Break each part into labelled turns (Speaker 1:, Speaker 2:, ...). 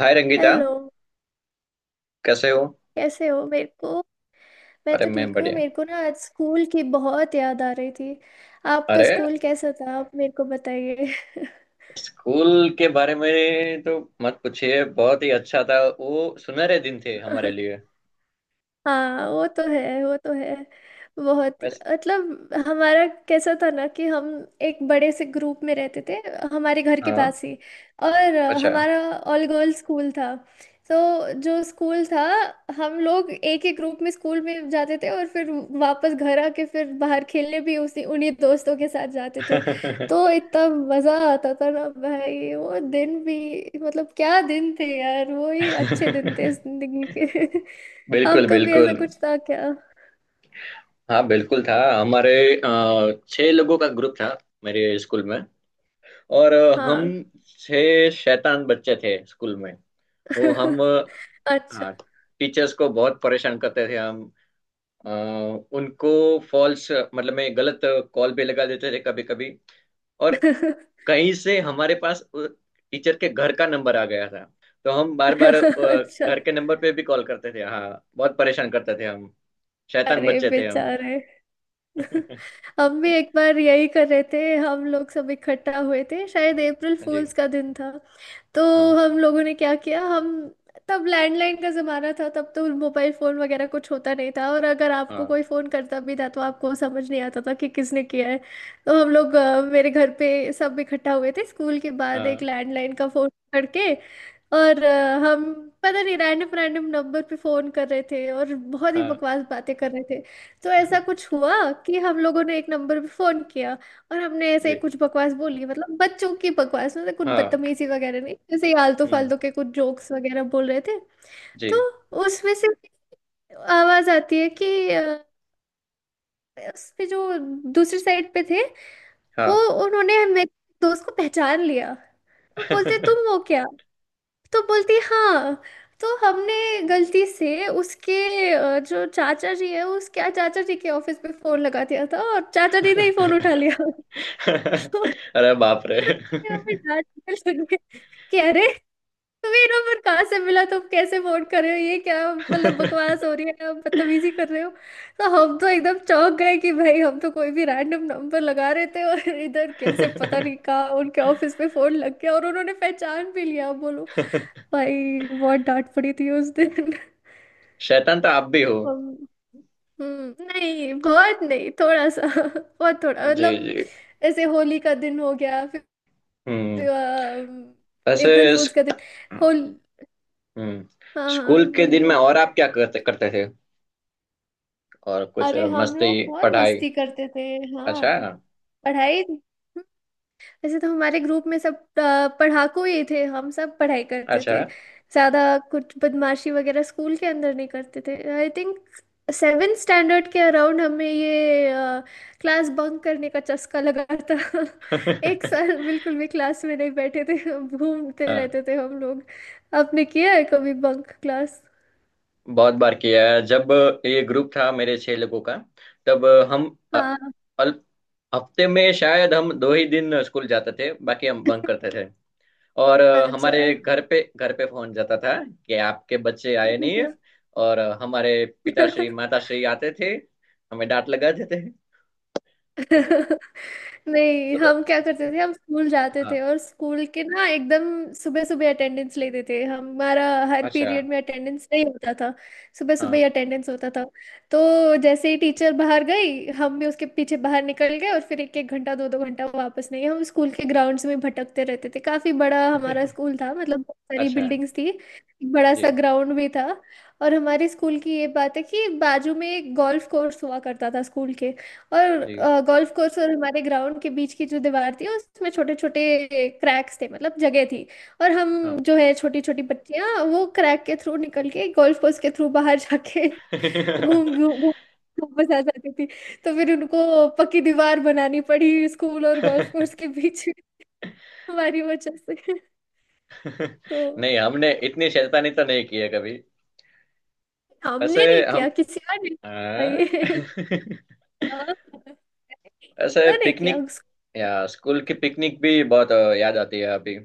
Speaker 1: हाय Rangeeta.
Speaker 2: Hello.
Speaker 1: कैसे हो?
Speaker 2: कैसे हो मेरे को? मैं
Speaker 1: अरे
Speaker 2: तो
Speaker 1: मैं
Speaker 2: ठीक हूँ।
Speaker 1: बढ़िया।
Speaker 2: मेरे को ना आज स्कूल की बहुत याद आ रही थी। आपका
Speaker 1: अरे
Speaker 2: स्कूल कैसा था? आप मेरे को बताइए।
Speaker 1: स्कूल के बारे में तो मत पूछिए, बहुत ही अच्छा था, वो सुनहरे दिन थे हमारे लिए।
Speaker 2: हाँ, वो तो है, वो तो है। बहुत।
Speaker 1: बस।
Speaker 2: मतलब हमारा कैसा था ना कि हम एक बड़े से ग्रुप में रहते थे, हमारे घर के
Speaker 1: हाँ।
Speaker 2: पास ही। और
Speaker 1: अच्छा।
Speaker 2: हमारा ऑल गर्ल्स स्कूल था। तो जो स्कूल था, हम लोग एक ही ग्रुप में स्कूल में जाते थे और फिर वापस घर आके फिर बाहर खेलने भी उसी उन्हीं दोस्तों के साथ जाते थे। तो इतना मजा आता था ना भाई, वो दिन भी, मतलब क्या दिन थे यार, वो ही अच्छे दिन थे जिंदगी के।
Speaker 1: बिल्कुल
Speaker 2: आपका भी ऐसा
Speaker 1: बिल्कुल।
Speaker 2: कुछ था क्या?
Speaker 1: हाँ बिल्कुल था। हमारे छह लोगों का ग्रुप था मेरे स्कूल में। और हम
Speaker 2: हाँ।
Speaker 1: छह शैतान बच्चे थे स्कूल में। वो हम अ,
Speaker 2: अच्छा।
Speaker 1: हाँ, टीचर्स को बहुत परेशान करते थे हम। अ, उनको फॉल्स, मतलब में गलत कॉल पे लगा देते थे कभी कभी। और कहीं से हमारे पास टीचर के घर का नंबर आ गया था, तो हम बार बार
Speaker 2: अच्छा।
Speaker 1: घर के नंबर पे भी कॉल करते थे। हाँ बहुत परेशान करते थे हम। शैतान
Speaker 2: अरे
Speaker 1: बच्चे थे हम।
Speaker 2: बेचारे। हम भी एक बार यही कर रहे थे। हम लोग सब इकट्ठा हुए थे, शायद अप्रैल
Speaker 1: जी।
Speaker 2: फूल्स का दिन था। तो
Speaker 1: हाँ।
Speaker 2: हम लोगों ने क्या किया? हम, तब लैंडलाइन का ज़माना था, तब तो मोबाइल फ़ोन वगैरह कुछ होता नहीं था, और अगर आपको
Speaker 1: हाँ।
Speaker 2: कोई फ़ोन करता भी था तो आपको समझ नहीं आता था कि किसने किया है। तो हम लोग मेरे घर पे सब इकट्ठा हुए थे स्कूल के बाद, एक
Speaker 1: हाँ।
Speaker 2: लैंडलाइन का फ़ोन करके। और हम, पता नहीं, रैंडम रैंडम नंबर पे फ़ोन कर रहे थे और बहुत ही
Speaker 1: हाँ।
Speaker 2: बकवास बातें कर रहे थे। तो ऐसा कुछ हुआ कि हम लोगों ने एक नंबर पे फोन किया और हमने ऐसे
Speaker 1: जी।
Speaker 2: कुछ बकवास बोली, मतलब बच्चों की बकवास, मतलब कुछ
Speaker 1: हाँ।
Speaker 2: बदतमीजी वगैरह नहीं, जैसे आलतू
Speaker 1: हम्म।
Speaker 2: फालतू के कुछ जोक्स वगैरह बोल रहे थे। तो
Speaker 1: जी।
Speaker 2: उसमें से आवाज आती है कि अ, उसपे जो दूसरी साइड पे थे, वो,
Speaker 1: हाँ।
Speaker 2: उन्होंने मेरे दोस्त को पहचान लिया। वो बोलते तुम हो क्या, तो बोलती हाँ। तो हमने गलती से उसके जो चाचा जी है, उसके चाचा जी के ऑफिस पे फोन लगा दिया था और चाचा जी ने ही फोन उठा लिया। तो
Speaker 1: अरे बाप रे।
Speaker 2: हमें डांटने लगे कि अरे तुम्हें नंबर कहाँ से मिला, तुम कैसे फोन कर रहे हो, ये क्या मतलब बकवास हो रही है, आप बदतमीजी कर रहे हो। तो हम तो एकदम चौंक गए कि भाई हम तो कोई भी रैंडम नंबर लगा रहे थे और इधर कैसे, पता नहीं कहाँ उनके ऑफिस में फोन लग गया और उन्होंने पहचान भी लिया, बोलो। भाई बहुत डांट पड़ी थी उस दिन।
Speaker 1: शैतान तो आप भी हो।
Speaker 2: हम- नहीं, बहुत नहीं, थोड़ा सा। बहुत थोड़ा,
Speaker 1: जी
Speaker 2: मतलब।
Speaker 1: जी।
Speaker 2: ऐसे होली का दिन हो गया फिर।
Speaker 1: हम्म।
Speaker 2: अम,
Speaker 1: ऐसे
Speaker 2: अप्रैल फूल्स
Speaker 1: इस-
Speaker 2: का दिन। होल।
Speaker 1: हम्म।
Speaker 2: हाँ
Speaker 1: स्कूल
Speaker 2: हाँ,
Speaker 1: के दिन में
Speaker 2: बोलिए।
Speaker 1: और आप क्या करते करते थे? और कुछ?
Speaker 2: अरे, हम लोग
Speaker 1: मस्ती,
Speaker 2: बहुत
Speaker 1: पढ़ाई?
Speaker 2: मस्ती करते थे। हाँ,
Speaker 1: अच्छा।
Speaker 2: पढ़ाई। वैसे तो हमारे ग्रुप में सब पढ़ाकू ही थे, हम सब पढ़ाई करते
Speaker 1: अच्छा।
Speaker 2: थे। ज्यादा कुछ बदमाशी वगैरह स्कूल के अंदर नहीं करते थे, आई थिंक। सेवन स्टैंडर्ड के अराउंड हमें ये क्लास बंक करने का चस्का लगा था। एक साल बिल्कुल भी क्लास में नहीं बैठे थे, घूमते
Speaker 1: हाँ
Speaker 2: रहते थे हम लोग। आपने किया है कभी बंक क्लास?
Speaker 1: बहुत बार किया है। जब ये ग्रुप था मेरे छह लोगों का, तब हम, अ,
Speaker 2: हाँ।
Speaker 1: अल- हफ्ते में शायद हम दो ही दिन स्कूल जाते थे, बाकी हम बंक करते थे। और हमारे घर पे फोन जाता था कि आपके बच्चे आए नहीं
Speaker 2: अच्छा।
Speaker 1: है। और हमारे पिताश्री माताश्री आते थे, हमें डांट लगा देते।
Speaker 2: नहीं,
Speaker 1: वो
Speaker 2: हम क्या करते थे, हम स्कूल जाते
Speaker 1: तो
Speaker 2: थे और स्कूल के ना एकदम सुबह सुबह अटेंडेंस लेते थे हमारा, हर
Speaker 1: अच्छा।
Speaker 2: पीरियड में अटेंडेंस नहीं होता था, सुबह सुबह ही
Speaker 1: हाँ।
Speaker 2: अटेंडेंस होता था। तो जैसे ही टीचर बाहर गई, हम भी उसके पीछे बाहर निकल गए और फिर एक एक घंटा दो दो घंटा वापस नहीं, हम स्कूल के ग्राउंड्स में भटकते रहते थे। काफी बड़ा हमारा स्कूल था, मतलब बहुत सारी
Speaker 1: अच्छा।
Speaker 2: बिल्डिंग्स थी, एक बड़ा
Speaker 1: जी
Speaker 2: सा ग्राउंड भी था। और हमारे स्कूल की ये बात है कि बाजू में एक गोल्फ कोर्स हुआ करता था स्कूल के। और
Speaker 1: जी।
Speaker 2: गोल्फ कोर्स और हमारे ग्राउंड के बीच की जो दीवार थी उसमें छोटे छोटे क्रैक्स थे, मतलब जगह थी। और हम,
Speaker 1: हाँ।
Speaker 2: जो है, छोटी छोटी बच्चियां, वो क्रैक के थ्रू निकल के गोल्फ कोर्स के थ्रू बाहर जाके घूम घूम घूम घूम बस आ जाती थी। तो फिर उनको पक्की दीवार बनानी पड़ी स्कूल और गोल्फ कोर्स के बीच में। हमारी वजह से। तो
Speaker 1: नहीं हमने इतनी शैतानी तो नहीं की है कभी। वैसे
Speaker 2: हमने नहीं किया,
Speaker 1: हम,
Speaker 2: किसी और ने।
Speaker 1: हाँ?
Speaker 2: नहीं। हाँ,
Speaker 1: वैसे
Speaker 2: तो नहीं किया
Speaker 1: पिकनिक
Speaker 2: उसको।
Speaker 1: या स्कूल की पिकनिक भी बहुत याद आती है अभी।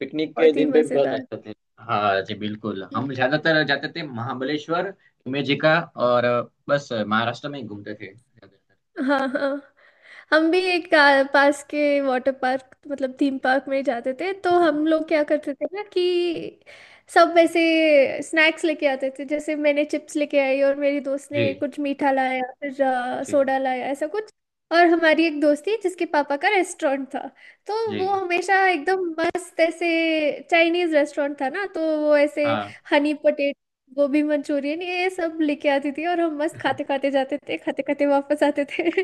Speaker 1: पिकनिक के
Speaker 2: बहुत ही
Speaker 1: दिन पे भी बहुत
Speaker 2: मजेदार।
Speaker 1: अच्छा थे। हाँ जी बिल्कुल। हम
Speaker 2: हम्म।
Speaker 1: ज्यादातर जाते थे महाबलेश्वर, इमेजिका और बस महाराष्ट्र में ही घूमते थे ज्यादातर।
Speaker 2: हाँ हाँ। हम भी पास के वाटर पार्क मतलब थीम पार्क में जाते थे, तो
Speaker 1: अच्छा।
Speaker 2: हम लोग क्या करते थे ना कि सब वैसे स्नैक्स लेके आते थे। जैसे मैंने चिप्स लेके आई और मेरी दोस्त
Speaker 1: जी
Speaker 2: ने कुछ मीठा लाया, फिर
Speaker 1: जी।
Speaker 2: सोडा लाया, ऐसा कुछ। और हमारी एक दोस्त थी जिसके पापा का रेस्टोरेंट था, तो
Speaker 1: जी।
Speaker 2: वो हमेशा एकदम मस्त ऐसे, चाइनीज रेस्टोरेंट था ना तो, वो ऐसे
Speaker 1: हाँ।
Speaker 2: हनी पटेट, गोभी मंचूरियन ये सब लेके आती थी और हम मस्त खाते खाते जाते थे, खाते खाते वापस आते थे।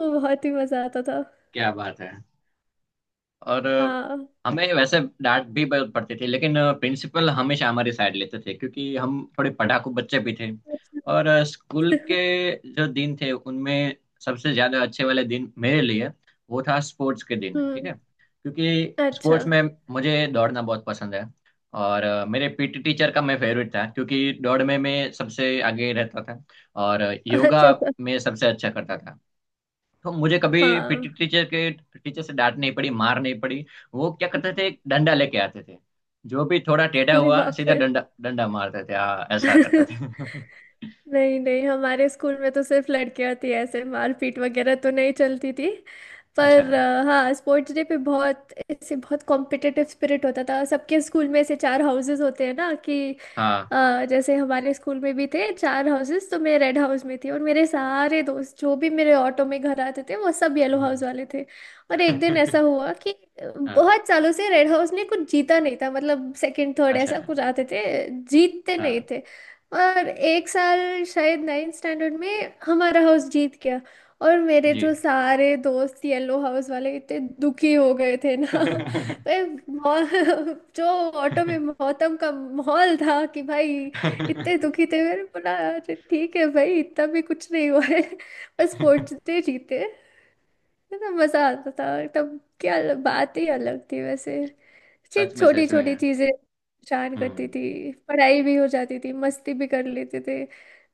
Speaker 2: वो बहुत ही मजा आता था।
Speaker 1: क्या बात है। और
Speaker 2: हाँ।
Speaker 1: हमें वैसे डांट भी बहुत पड़ती थी, लेकिन प्रिंसिपल हमेशा हमारी साइड लेते थे क्योंकि हम थोड़े पढ़ाकू बच्चे भी थे। और
Speaker 2: अच्छा।
Speaker 1: स्कूल के जो दिन थे, उनमें सबसे ज्यादा अच्छे वाले दिन मेरे लिए वो था स्पोर्ट्स के दिन, ठीक
Speaker 2: हम्म।
Speaker 1: है, क्योंकि
Speaker 2: अच्छा।
Speaker 1: स्पोर्ट्स में मुझे दौड़ना बहुत पसंद है। और मेरे पीटी टीचर का मैं फेवरेट था क्योंकि दौड़ में मैं सबसे आगे रहता था और
Speaker 2: अच्छा।
Speaker 1: योगा में सबसे अच्छा करता था। तो मुझे कभी
Speaker 2: हाँ।
Speaker 1: पीटी टीचर के टीचर से डांट नहीं पड़ी, मार नहीं पड़ी। वो क्या करते थे, एक डंडा लेके आते थे, जो भी थोड़ा टेढ़ा
Speaker 2: अरे
Speaker 1: हुआ,
Speaker 2: बाप
Speaker 1: सीधा
Speaker 2: रे।
Speaker 1: डंडा डंडा मारते थे। हाँ ऐसा करते थे।
Speaker 2: नहीं नहीं, हमारे स्कूल में तो सिर्फ लड़कियां थी, ऐसे मारपीट वगैरह तो नहीं चलती थी।
Speaker 1: अच्छा।
Speaker 2: पर हाँ, स्पोर्ट्स डे पे बहुत ऐसे बहुत कॉम्पिटिटिव स्पिरिट होता था सबके। स्कूल में ऐसे चार हाउसेस होते हैं ना कि,
Speaker 1: हाँ।
Speaker 2: जैसे हमारे स्कूल में भी थे चार हाउसेस, तो मैं रेड हाउस में थी और मेरे सारे दोस्त जो भी मेरे ऑटो में घर आते थे वो सब येलो हाउस
Speaker 1: जी।
Speaker 2: वाले थे। और एक दिन ऐसा हुआ कि
Speaker 1: हाँ।
Speaker 2: बहुत सालों से रेड हाउस ने कुछ जीता नहीं था, मतलब सेकंड थर्ड
Speaker 1: अच्छा
Speaker 2: ऐसा
Speaker 1: है।
Speaker 2: कुछ आते थे, जीतते नहीं
Speaker 1: हाँ।
Speaker 2: थे। और एक साल, शायद नाइन्थ स्टैंडर्ड में, हमारा हाउस जीत गया। और मेरे जो
Speaker 1: जी।
Speaker 2: सारे दोस्त येलो हाउस वाले, इतने दुखी हो गए थे ना। जो ऑटो में मौतम का माहौल था कि भाई, इतने दुखी थे। मैंने बोला अरे ठीक है भाई, इतना भी कुछ नहीं हुआ है, बस पहुंचते जीते। इतना मजा आता था तब। क्या बात ही अलग थी वैसे,
Speaker 1: सच में
Speaker 2: छोटी
Speaker 1: सच में।
Speaker 2: छोटी चीजें परेशान करती
Speaker 1: हम्म,
Speaker 2: थी, पढ़ाई भी हो जाती थी, मस्ती भी कर लेते थे।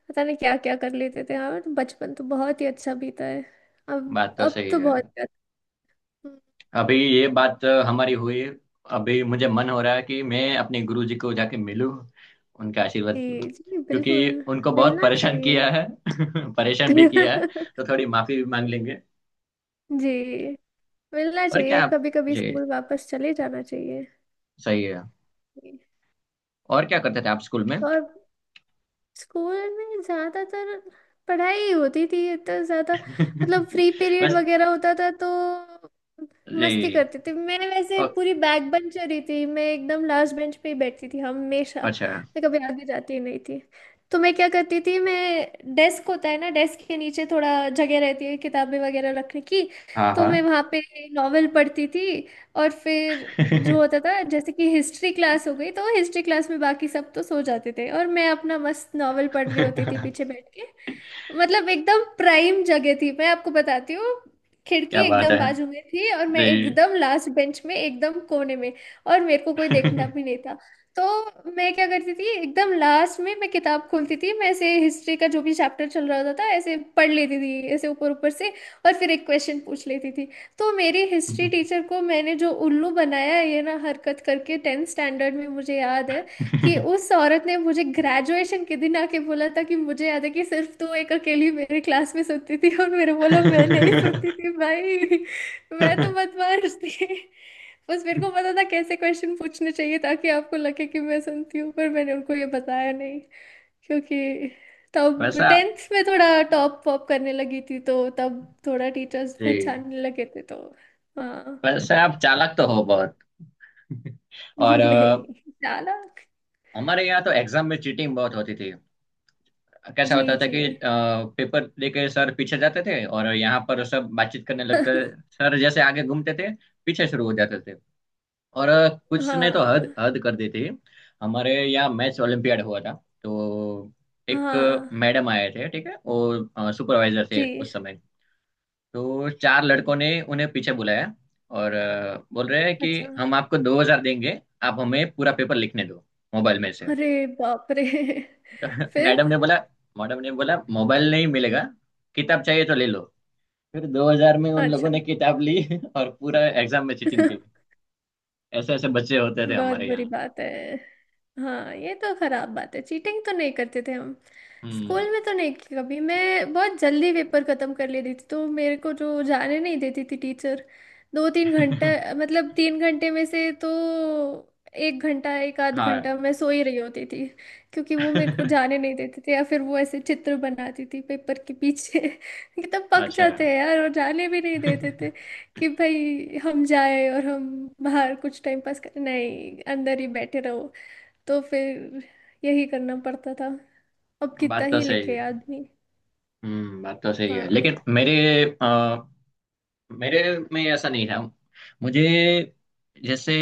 Speaker 2: पता नहीं क्या क्या कर लेते थे यार, बचपन तो बहुत ही अच्छा बीता है।
Speaker 1: बात तो
Speaker 2: अब
Speaker 1: सही
Speaker 2: तो
Speaker 1: है।
Speaker 2: बहुत ज्यादा।
Speaker 1: अभी ये बात हमारी हुई। अभी मुझे मन हो रहा है कि मैं अपने गुरु जी को जाके मिलूं, उनका
Speaker 2: जी
Speaker 1: आशीर्वाद लूं।
Speaker 2: जी
Speaker 1: क्योंकि
Speaker 2: बिल्कुल।
Speaker 1: उनको बहुत
Speaker 2: मिलना
Speaker 1: परेशान
Speaker 2: चाहिए।
Speaker 1: किया है, परेशान भी किया है, तो थोड़ी माफी भी मांग लेंगे।
Speaker 2: जी। मिलना
Speaker 1: और
Speaker 2: चाहिए,
Speaker 1: क्या आप?
Speaker 2: कभी कभी
Speaker 1: जी
Speaker 2: स्कूल वापस चले जाना चाहिए।
Speaker 1: सही है।
Speaker 2: जी।
Speaker 1: और क्या करते थे आप स्कूल में?
Speaker 2: और स्कूल में ज्यादातर पढ़ाई ही होती थी, इतना ज्यादा, मतलब फ्री पीरियड
Speaker 1: बस।
Speaker 2: वगैरह होता था तो मस्ती
Speaker 1: जी।
Speaker 2: करती थी। मैं वैसे
Speaker 1: ओ,
Speaker 2: पूरी बैक बेंचर ही थी, मैं एकदम लास्ट बेंच पे ही बैठती थी हमेशा,
Speaker 1: अच्छा।
Speaker 2: मैं कभी आगे जाती ही नहीं थी। तो मैं क्या करती थी, मैं, डेस्क होता है ना, डेस्क के नीचे थोड़ा जगह रहती है किताबें वगैरह रखने की,
Speaker 1: हाँ
Speaker 2: तो
Speaker 1: हाँ।
Speaker 2: मैं वहाँ पे नॉवेल पढ़ती थी। और फिर जो होता था जैसे कि हिस्ट्री क्लास हो गई, तो हिस्ट्री क्लास में बाकी सब तो सो जाते थे और मैं अपना मस्त नॉवल पढ़ रही होती थी पीछे बैठ के। मतलब एकदम प्राइम जगह थी, मैं आपको बताती हूँ। खिड़की
Speaker 1: क्या बात
Speaker 2: एकदम
Speaker 1: है।
Speaker 2: बाजू में थी और मैं
Speaker 1: जी।
Speaker 2: एकदम लास्ट बेंच में एकदम कोने में, और मेरे को कोई देखना भी नहीं था। तो मैं क्या करती थी, एकदम लास्ट में मैं किताब खोलती थी, मैं ऐसे हिस्ट्री का जो भी चैप्टर चल रहा होता था ऐसे पढ़ लेती थी ऐसे ऊपर ऊपर से, और फिर एक क्वेश्चन पूछ लेती थी। तो मेरी हिस्ट्री टीचर को मैंने जो उल्लू बनाया है ये ना हरकत करके, टेंथ स्टैंडर्ड में मुझे याद है कि उस औरत ने मुझे ग्रेजुएशन के दिन आके बोला था कि मुझे याद है कि सिर्फ तू एक अकेली मेरी क्लास में सोती थी। और मेरे बोला मैं नहीं सोती थी भाई, मैं तो बदमाश थी, बस मेरे को पता था कैसे क्वेश्चन पूछने चाहिए ताकि आपको लगे कि मैं सुनती हूँ। पर मैंने उनको ये बताया नहीं, क्योंकि तब
Speaker 1: वैसा।
Speaker 2: टेंथ में थोड़ा टॉप वॉप करने लगी थी तो तब थोड़ा टीचर्स
Speaker 1: जी।
Speaker 2: पहचानने लगे थे तो। हाँ।
Speaker 1: वैसे आप चालाक तो हो बहुत। और
Speaker 2: नहीं, चालाक।
Speaker 1: हमारे यहाँ तो एग्जाम में चीटिंग बहुत होती थी। कैसा
Speaker 2: जी
Speaker 1: होता था
Speaker 2: जी।
Speaker 1: कि पेपर लेके सर पीछे जाते थे और यहाँ पर सब बातचीत करने लगते थे। सर जैसे आगे घूमते थे, पीछे शुरू हो जाते थे। और कुछ ने तो हद
Speaker 2: हाँ
Speaker 1: हद कर दी थी। हमारे यहाँ मैथ्स ओलंपियाड हुआ था, तो एक
Speaker 2: हाँ।
Speaker 1: मैडम आए थे, ठीक है, वो सुपरवाइजर थे
Speaker 2: जी।
Speaker 1: उस समय। तो चार लड़कों ने उन्हें पीछे बुलाया और बोल रहे हैं कि
Speaker 2: अच्छा।
Speaker 1: हम आपको 2,000 देंगे, आप हमें पूरा पेपर लिखने दो मोबाइल में से।
Speaker 2: अरे बाप रे। फिर?
Speaker 1: मैडम ने बोला मैडम ने बोला मोबाइल नहीं मिलेगा, किताब चाहिए तो ले लो। फिर 2000 में उन लोगों
Speaker 2: अच्छा।
Speaker 1: ने किताब ली और पूरा एग्जाम में चीटिंग की। ऐसे ऐसे बच्चे होते थे
Speaker 2: बहुत
Speaker 1: हमारे
Speaker 2: बुरी
Speaker 1: यहाँ।
Speaker 2: बात है। हाँ, ये तो खराब बात है, चीटिंग तो नहीं करते थे हम।
Speaker 1: हम्म।
Speaker 2: स्कूल में तो नहीं की कभी। मैं बहुत जल्दी पेपर खत्म कर लेती थी तो मेरे को जो जाने नहीं देती थी टीचर, दो तीन घंटा, मतलब तीन घंटे में से तो एक घंटा एक आध
Speaker 1: हाँ।
Speaker 2: घंटा मैं सो ही रही होती थी। क्योंकि वो मेरे को जाने नहीं देते थे, या फिर वो ऐसे चित्र बनाती थी पेपर के पीछे। कि तब पक
Speaker 1: अच्छा।
Speaker 2: जाते हैं यार, और जाने भी नहीं देते कि भाई हम जाए और हम बाहर कुछ टाइम पास करें, नहीं अंदर ही बैठे रहो। तो फिर यही करना पड़ता था, अब कितना
Speaker 1: बात तो
Speaker 2: ही
Speaker 1: सही
Speaker 2: लिखे
Speaker 1: है।
Speaker 2: आदमी।
Speaker 1: बात तो सही है,
Speaker 2: हाँ
Speaker 1: लेकिन मेरे, आ, मेरे में ऐसा नहीं था। मुझे जैसे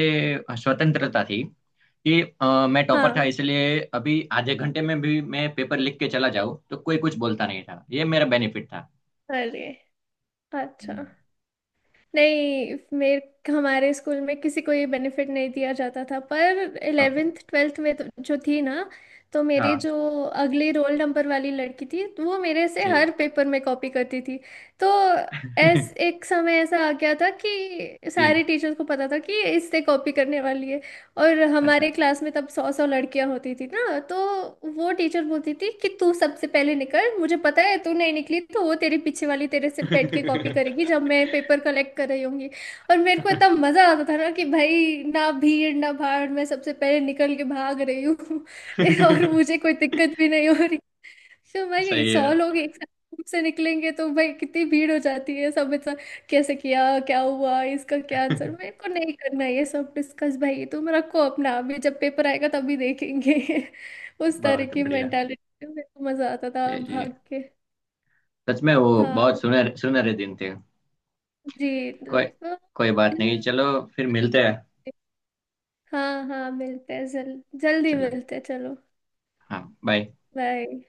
Speaker 1: स्वतंत्रता थी कि मैं टॉपर था,
Speaker 2: हाँ।
Speaker 1: इसलिए अभी आधे घंटे में भी मैं पेपर लिख के चला जाऊँ तो कोई कुछ बोलता नहीं था, ये मेरा बेनिफिट था।
Speaker 2: अरे, अच्छा।
Speaker 1: हम्म।
Speaker 2: नहीं मेरे, हमारे स्कूल में किसी को ये बेनिफिट नहीं दिया जाता था। पर
Speaker 1: ओके।
Speaker 2: इलेवेंथ ट्वेल्थ में तो, जो थी ना, तो मेरे
Speaker 1: हाँ।
Speaker 2: जो अगली रोल नंबर वाली लड़की थी, तो वो मेरे से
Speaker 1: जी।
Speaker 2: हर पेपर में कॉपी करती थी। तो ऐस एक समय ऐसा आ गया था कि
Speaker 1: जी।
Speaker 2: सारे टीचर्स को पता था कि इससे कॉपी करने वाली है। और
Speaker 1: अच्छा।
Speaker 2: हमारे क्लास में तब सौ सौ लड़कियां होती थी ना, तो वो टीचर बोलती थी कि तू सबसे पहले निकल, मुझे पता है तू नहीं निकली तो वो तेरी पीछे वाली तेरे से बैठ के कॉपी करेगी जब मैं पेपर कलेक्ट कर रही होंगी। और मेरे को इतना मजा आता था ना कि भाई ना भीड़ ना भाड़, मैं सबसे पहले निकल के भाग रही हूँ। और मुझे कोई दिक्कत भी नहीं हो रही। तो भाई
Speaker 1: सही
Speaker 2: सौ
Speaker 1: है।
Speaker 2: लोग एक साथ group से निकलेंगे तो भाई कितनी भीड़ हो जाती है, सब ऐसा कैसे किया, क्या हुआ, इसका क्या आंसर, मेरे को नहीं करना है ये सब डिस्कस, भाई ये तुम रखो अपना, अभी जब पेपर आएगा तभी देखेंगे। उस तरह
Speaker 1: बहुत
Speaker 2: की
Speaker 1: बढ़िया।
Speaker 2: मेंटालिटी, मेरे को मजा आता था
Speaker 1: जी जी।
Speaker 2: भाग के।
Speaker 1: सच में वो
Speaker 2: हाँ।
Speaker 1: बहुत सुनहरे सुनहरे दिन थे।
Speaker 2: जी तो,
Speaker 1: कोई
Speaker 2: तो-
Speaker 1: कोई बात नहीं, चलो फिर मिलते हैं।
Speaker 2: हाँ हाँ मिलते हैं, जल्दी
Speaker 1: चलो।
Speaker 2: मिलते हैं, चलो।
Speaker 1: हाँ बाय।
Speaker 2: बाय।